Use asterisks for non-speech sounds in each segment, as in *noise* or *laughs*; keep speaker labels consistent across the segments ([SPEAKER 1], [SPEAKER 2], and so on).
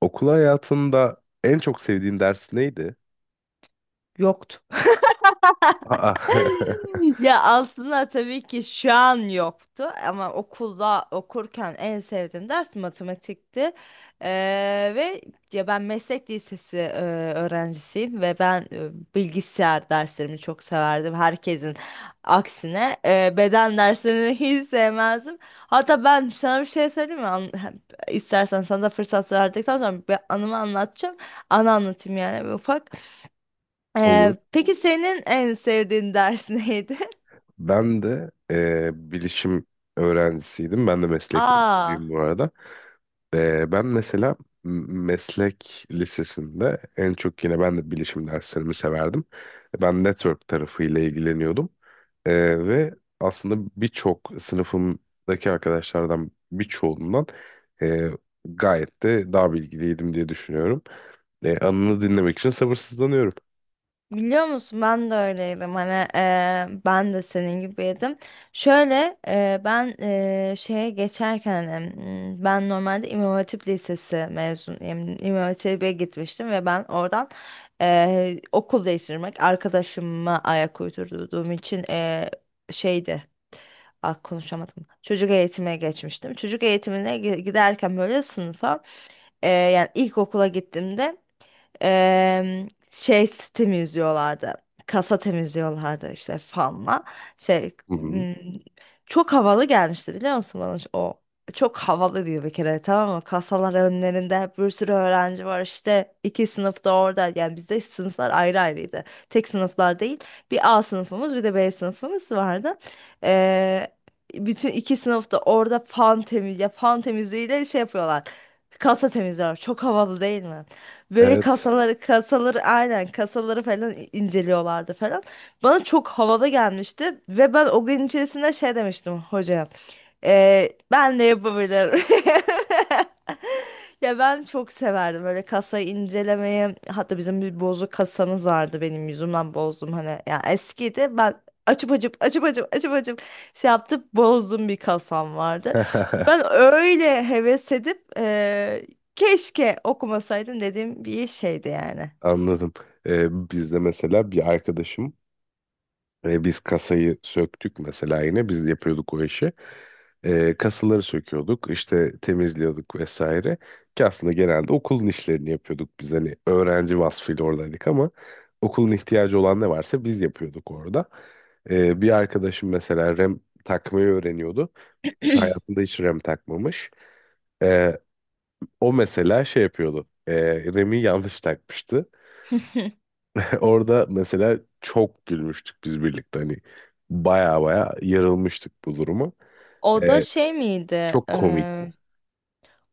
[SPEAKER 1] Okul hayatında en çok sevdiğin ders neydi?
[SPEAKER 2] Yoktu. *laughs*
[SPEAKER 1] Aa, *laughs*
[SPEAKER 2] Ya aslında tabii ki şu an yoktu ama okulda okurken en sevdiğim ders matematikti. Ve ya ben meslek lisesi öğrencisiyim ve ben bilgisayar derslerimi çok severdim. Herkesin aksine beden derslerini *laughs* hiç sevmezdim. Hatta ben sana bir şey söyleyeyim mi? İstersen sana da fırsat verdikten sonra bir anımı anlatacağım. Anı anlatayım yani bir ufak.
[SPEAKER 1] olur.
[SPEAKER 2] Peki senin en sevdiğin ders *laughs* neydi?
[SPEAKER 1] Ben de bilişim öğrencisiydim. Ben de meslek
[SPEAKER 2] Aa,
[SPEAKER 1] okuduyum bu arada. Ben mesela meslek lisesinde en çok yine ben de bilişim derslerimi severdim. Ben network tarafıyla ilgileniyordum. Ve aslında birçok sınıfımdaki arkadaşlardan birçoğundan eee, gayet de daha bilgiliydim diye düşünüyorum. Anını dinlemek için sabırsızlanıyorum.
[SPEAKER 2] biliyor musun ben de öyleydim hani ben de senin gibiydim. Şöyle ben şeye geçerken hani, ben normalde İmam Hatip Lisesi mezunuyum. İmam Hatip'e gitmiştim ve ben oradan okul değiştirmek arkadaşıma ayak uydurduğum için şeydi. Ah, konuşamadım. Çocuk eğitimine geçmiştim. Çocuk eğitimine giderken böyle sınıfa yani ilkokula gittiğimde şey temizliyorlardı. Kasa temizliyorlardı işte fanla. Şey
[SPEAKER 1] Hı hı.
[SPEAKER 2] m, Çok havalı gelmişti biliyor musun bana o. Çok havalı diyor bir kere tamam mı? Kasalar önlerinde hep bir sürü öğrenci var işte iki sınıfta orada yani bizde sınıflar ayrı ayrıydı. Tek sınıflar değil, bir A sınıfımız bir de B sınıfımız vardı. Ee, Bütün iki sınıfta orada fan temizliğiyle şey yapıyorlar. Kasa temizliyorlar. Çok havalı değil mi? Böyle
[SPEAKER 1] Evet.
[SPEAKER 2] kasaları aynen kasaları falan inceliyorlardı falan. Bana çok havalı gelmişti ve ben o gün içerisinde şey demiştim hocaya. "Ben de yapabilirim. *laughs* Ya ben çok severdim böyle kasayı incelemeyi. Hatta bizim bir bozuk kasamız vardı benim yüzümden bozdum hani. Ya eskiydi ben açıp açıp açıp açıp açıp açıp şey yaptım bozdum bir kasam vardı. Ben
[SPEAKER 1] *laughs*
[SPEAKER 2] öyle heves edip keşke okumasaydım dediğim bir şeydi yani.
[SPEAKER 1] Anladım. Bizde mesela bir arkadaşım biz kasayı söktük, mesela yine biz yapıyorduk o işi. Kasaları söküyorduk, işte temizliyorduk vesaire. Ki aslında genelde okulun işlerini yapıyorduk biz, hani öğrenci vasfıyla oradaydık ama okulun ihtiyacı olan ne varsa biz yapıyorduk orada. Bir arkadaşım mesela rem takmayı öğreniyordu. Hayatında hiç rem takmamış. Ee, O mesela şey yapıyordu. Remi yanlış takmıştı.
[SPEAKER 2] *laughs*
[SPEAKER 1] *laughs* Orada mesela çok gülmüştük biz birlikte. Hani baya baya yarılmıştık bu duruma.
[SPEAKER 2] O da
[SPEAKER 1] Ee,
[SPEAKER 2] şey miydi?
[SPEAKER 1] Çok komikti.
[SPEAKER 2] Eee,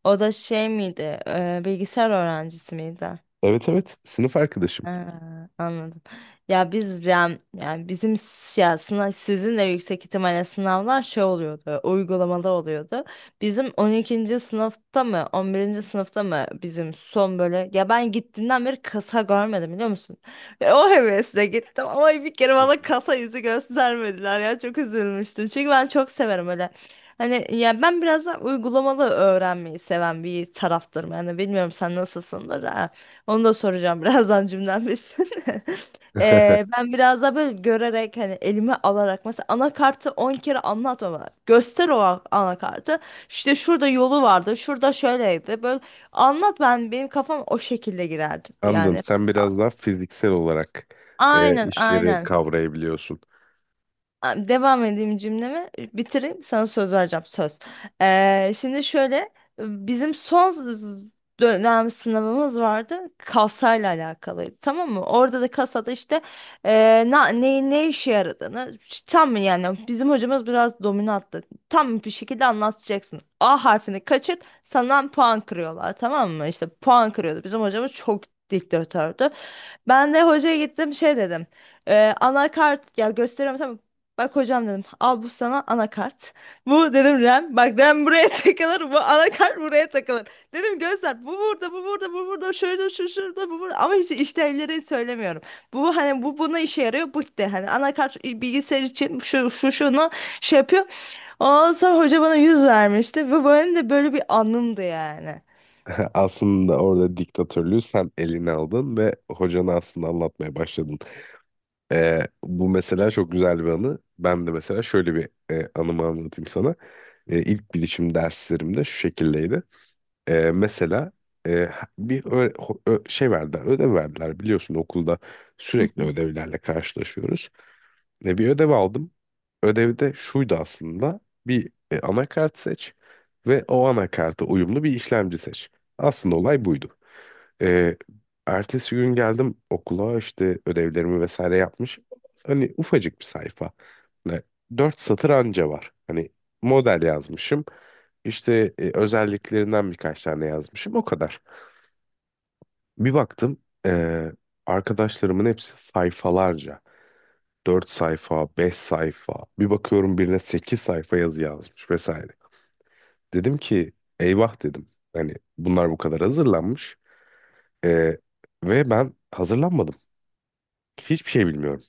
[SPEAKER 2] O da şey miydi? Bilgisayar öğrencisi miydi?
[SPEAKER 1] Evet, evet, sınıf arkadaşım.
[SPEAKER 2] Ha, anladım. Ya biz yani, bizim ya sınav, sizin de yüksek ihtimalle sınavlar şey oluyordu, uygulamada oluyordu. Bizim 12. sınıfta mı, 11. sınıfta mı bizim son böyle ya ben gittiğinden beri kasa görmedim biliyor musun? Ve o hevesle gittim ama bir kere
[SPEAKER 1] Hı
[SPEAKER 2] bana kasa yüzü göstermediler ya çok üzülmüştüm. Çünkü ben çok severim öyle. Hani ya ben biraz da uygulamalı öğrenmeyi seven bir taraftarım. Yani bilmiyorum sen nasılsındır. Onu da soracağım *laughs* birazdan cümlem bitsin. *laughs*
[SPEAKER 1] hı. *laughs*
[SPEAKER 2] Ben biraz daha böyle görerek hani elime alarak mesela anakartı 10 kere anlatma bana. Göster o anakartı. İşte şurada yolu vardı. Şurada şöyleydi. Böyle anlat ben benim kafam o şekilde girerdi
[SPEAKER 1] Anladım.
[SPEAKER 2] yani.
[SPEAKER 1] Sen
[SPEAKER 2] A-
[SPEAKER 1] biraz daha fiziksel olarak
[SPEAKER 2] Aynen
[SPEAKER 1] işleri
[SPEAKER 2] aynen.
[SPEAKER 1] kavrayabiliyorsun.
[SPEAKER 2] Devam edeyim cümlemi bitireyim sana söz vereceğim söz. Şimdi şöyle bizim son dönem sınavımız vardı kasayla alakalıydı tamam mı? Orada da kasada işte ne işe yaradığını tam mı yani bizim hocamız biraz dominanttı. Tam bir şekilde anlatacaksın. A harfini kaçır senden puan kırıyorlar tamam mı? İşte puan kırıyordu bizim hocamız çok diktatördü. Ben de hocaya gittim şey dedim. Anakart ya gösteriyorum tamam. Bak hocam dedim al bu sana anakart. Bu dedim RAM. Bak RAM buraya *laughs* takılır. Bu anakart buraya takılır. Dedim gözler bu burada bu burada bu burada şöyle şu şurada bu burada. Ama hiç işlevleri söylemiyorum. Bu hani bu buna işe yarıyor. Bu de hani anakart bilgisayar için şu şu şunu şey yapıyor. Ondan sonra hoca bana yüz vermişti. Ve benim de böyle bir anımdı yani.
[SPEAKER 1] *laughs* Aslında orada diktatörlüğü sen eline aldın ve hocanı aslında anlatmaya başladın. Bu mesela çok güzel bir anı. Ben de mesela şöyle bir anımı anlatayım sana. İlk bilişim derslerimde şu şekildeydi. Mesela e, bir şey verdiler, ödev verdiler, biliyorsun okulda
[SPEAKER 2] Hı
[SPEAKER 1] sürekli
[SPEAKER 2] hı.
[SPEAKER 1] ödevlerle karşılaşıyoruz. Bir ödev aldım. Ödevi de şuydu aslında. Bir anakart seç ve o anakarta uyumlu bir işlemci seç. Aslında olay buydu. E, Ertesi gün geldim okula, işte ödevlerimi vesaire yapmış. Hani ufacık bir sayfa. Ne, dört satır anca var. Hani model yazmışım. İşte özelliklerinden birkaç tane yazmışım. O kadar. Bir baktım, e, arkadaşlarımın hepsi sayfalarca. 4 sayfa, 5 sayfa. Bir bakıyorum birine 8 sayfa yazı yazmış vesaire. Dedim ki, eyvah dedim. Hani bunlar bu kadar hazırlanmış. Ee, Ve ben hazırlanmadım. Hiçbir şey bilmiyorum.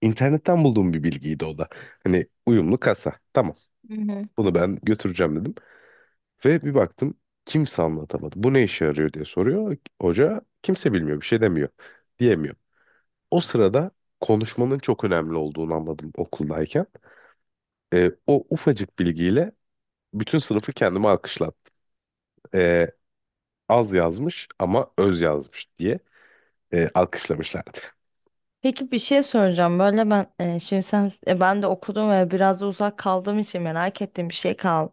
[SPEAKER 1] İnternetten bulduğum bir bilgiydi o da. Hani uyumlu kasa. Tamam,
[SPEAKER 2] Hı hı.
[SPEAKER 1] bunu ben götüreceğim dedim. Ve bir baktım kimse anlatamadı. Bu ne işe yarıyor diye soruyor. Hoca, kimse bilmiyor, bir şey demiyor. Diyemiyor. O sırada konuşmanın çok önemli olduğunu anladım, okuldayken. O ufacık bilgiyle bütün sınıfı kendime alkışlattı. Ee, Az yazmış ama öz yazmış diye alkışlamışlardı.
[SPEAKER 2] Peki bir şey soracağım. Böyle ben şimdi sen ben de okudum ve biraz da uzak kaldığım için merak ettiğim bir şey kal.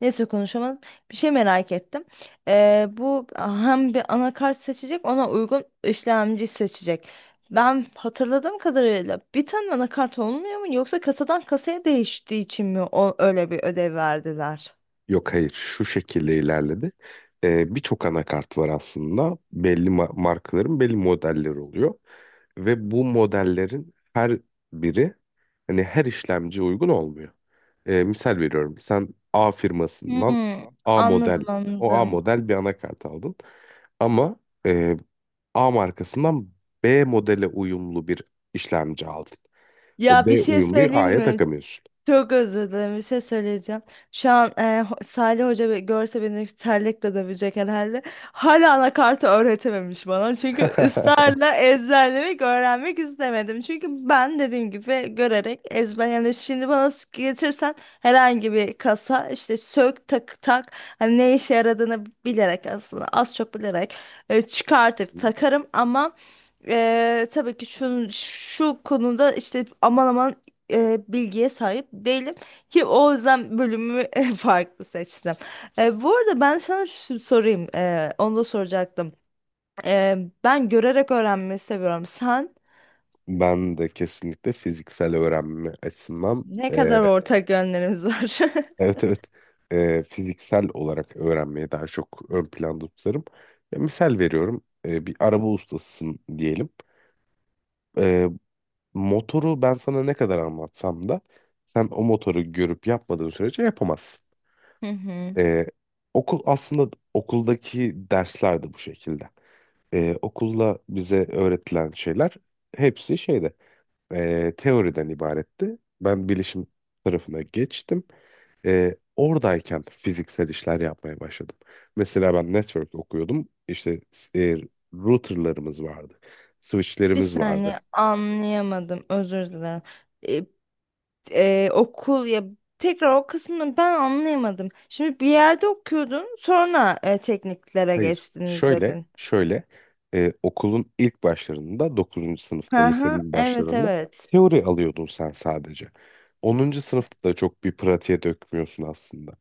[SPEAKER 2] Neyse konuşamadım. Bir şey merak ettim. Bu hem bir anakart seçecek ona uygun işlemci seçecek. Ben hatırladığım kadarıyla bir tane anakart olmuyor mu yoksa kasadan kasaya değiştiği için mi o, öyle bir ödev verdiler?
[SPEAKER 1] Yok, hayır, şu şekilde ilerledi. Birçok anakart var aslında. Belli markaların belli modelleri oluyor. Ve bu modellerin her biri hani her işlemciye uygun olmuyor. Misal veriyorum, sen A firmasından
[SPEAKER 2] Hmm,
[SPEAKER 1] A model,
[SPEAKER 2] anladım anladım.
[SPEAKER 1] bir anakart aldın. Ama e, A markasından B modele uyumlu bir işlemci aldın. O
[SPEAKER 2] Ya bir
[SPEAKER 1] B
[SPEAKER 2] şey
[SPEAKER 1] uyumluyu
[SPEAKER 2] söyleyeyim
[SPEAKER 1] A'ya
[SPEAKER 2] mi?
[SPEAKER 1] takamıyorsun.
[SPEAKER 2] Çok özür dilerim bir şey söyleyeceğim. Şu an Salih Hoca görse beni terlikle dövecek herhalde. Hala anakartı öğretememiş bana. Çünkü ısrarla ezberlemek öğrenmek istemedim. Çünkü ben dediğim gibi görerek ezber yani şimdi bana getirsen herhangi bir kasa işte sök tak tak hani ne işe yaradığını bilerek aslında az çok bilerek çıkartıp
[SPEAKER 1] *laughs*
[SPEAKER 2] takarım ama tabii ki şu konuda işte aman aman bilgiye sahip değilim ki o yüzden bölümü *laughs* farklı seçtim. Bu arada ben sana şu sorayım, onu da soracaktım. E, Ben görerek öğrenmeyi seviyorum. Sen
[SPEAKER 1] Ben de kesinlikle fiziksel öğrenme açısından,
[SPEAKER 2] ne
[SPEAKER 1] eee,
[SPEAKER 2] kadar ortak yönlerimiz var?
[SPEAKER 1] *laughs* evet, evet, fiziksel olarak öğrenmeyi daha çok ön planda tutarım. Ya, misal veriyorum, bir araba ustasısın diyelim. Eee, Motoru ben sana ne kadar anlatsam da sen o motoru görüp yapmadığın sürece yapamazsın.
[SPEAKER 2] *laughs* Hı hı.
[SPEAKER 1] Eee, Okul aslında, okuldaki dersler de bu şekilde. Okulda bize öğretilen şeyler hepsi şeyde, teoriden ibaretti. Ben bilişim tarafına geçtim. Oradayken fiziksel işler yapmaya başladım. Mesela ben network okuyordum. İşte e, routerlarımız vardı.
[SPEAKER 2] Bir
[SPEAKER 1] Switchlerimiz vardı.
[SPEAKER 2] saniye anlayamadım, özür dilerim. E, Okul ya tekrar o kısmını ben anlayamadım. Şimdi bir yerde okuyordun, sonra tekniklere
[SPEAKER 1] Hayır.
[SPEAKER 2] geçtiniz
[SPEAKER 1] Şöyle,
[SPEAKER 2] dedin.
[SPEAKER 1] şöyle, okulun ilk başlarında, 9. sınıfta,
[SPEAKER 2] Hı hı,
[SPEAKER 1] lisenin
[SPEAKER 2] evet
[SPEAKER 1] başlarında
[SPEAKER 2] evet.
[SPEAKER 1] teori alıyordun sen sadece. 10. sınıfta da çok bir pratiğe dökmüyorsun aslında.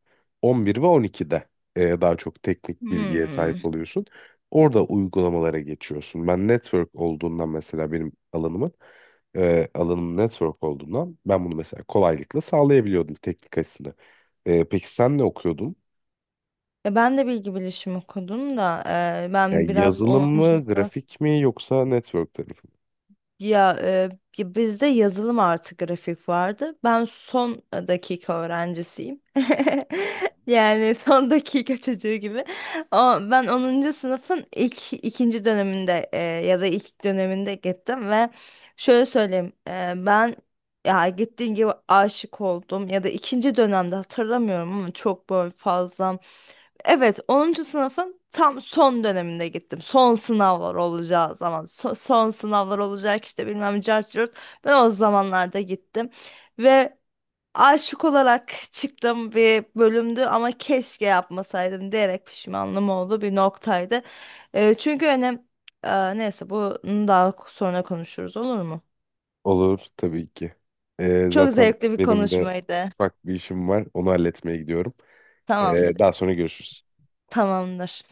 [SPEAKER 1] 11 ve 12'de daha çok teknik bilgiye sahip
[SPEAKER 2] Hmm.
[SPEAKER 1] oluyorsun. Orada uygulamalara geçiyorsun. Ben network olduğundan, mesela benim alanımın alanım network olduğundan, ben bunu mesela kolaylıkla sağlayabiliyordum teknik açısından. Peki sen ne okuyordun?
[SPEAKER 2] Ya ben de bilgi bilişim okudum da
[SPEAKER 1] Ya
[SPEAKER 2] ben biraz
[SPEAKER 1] yazılım
[SPEAKER 2] 10.
[SPEAKER 1] mı,
[SPEAKER 2] sınıf-
[SPEAKER 1] grafik mi, yoksa network tarafı mı?
[SPEAKER 2] ya, e, ya bizde yazılım artı grafik vardı. Ben son dakika öğrencisiyim. *laughs* Yani son dakika çocuğu gibi. O, Ben 10. sınıfın ilk ikinci döneminde ya da ilk döneminde gittim ve şöyle söyleyeyim ben ya gittiğim gibi aşık oldum ya da ikinci dönemde hatırlamıyorum ama çok böyle fazla. Evet, 10. sınıfın tam son döneminde gittim. Son sınavlar olacağı zaman, son sınavlar olacak işte bilmem cart curt. Ben o zamanlarda gittim ve aşık olarak çıktığım bir bölümdü ama keşke yapmasaydım diyerek pişmanlığım oldu bir noktaydı. Çünkü önem Neyse bunu daha sonra konuşuruz olur mu?
[SPEAKER 1] Olur, tabii ki.
[SPEAKER 2] Çok
[SPEAKER 1] Zaten
[SPEAKER 2] zevkli bir
[SPEAKER 1] benim de
[SPEAKER 2] konuşmaydı.
[SPEAKER 1] ufak bir işim var. Onu halletmeye gidiyorum.
[SPEAKER 2] Tamamdır.
[SPEAKER 1] Daha sonra görüşürüz.
[SPEAKER 2] Tamamdır.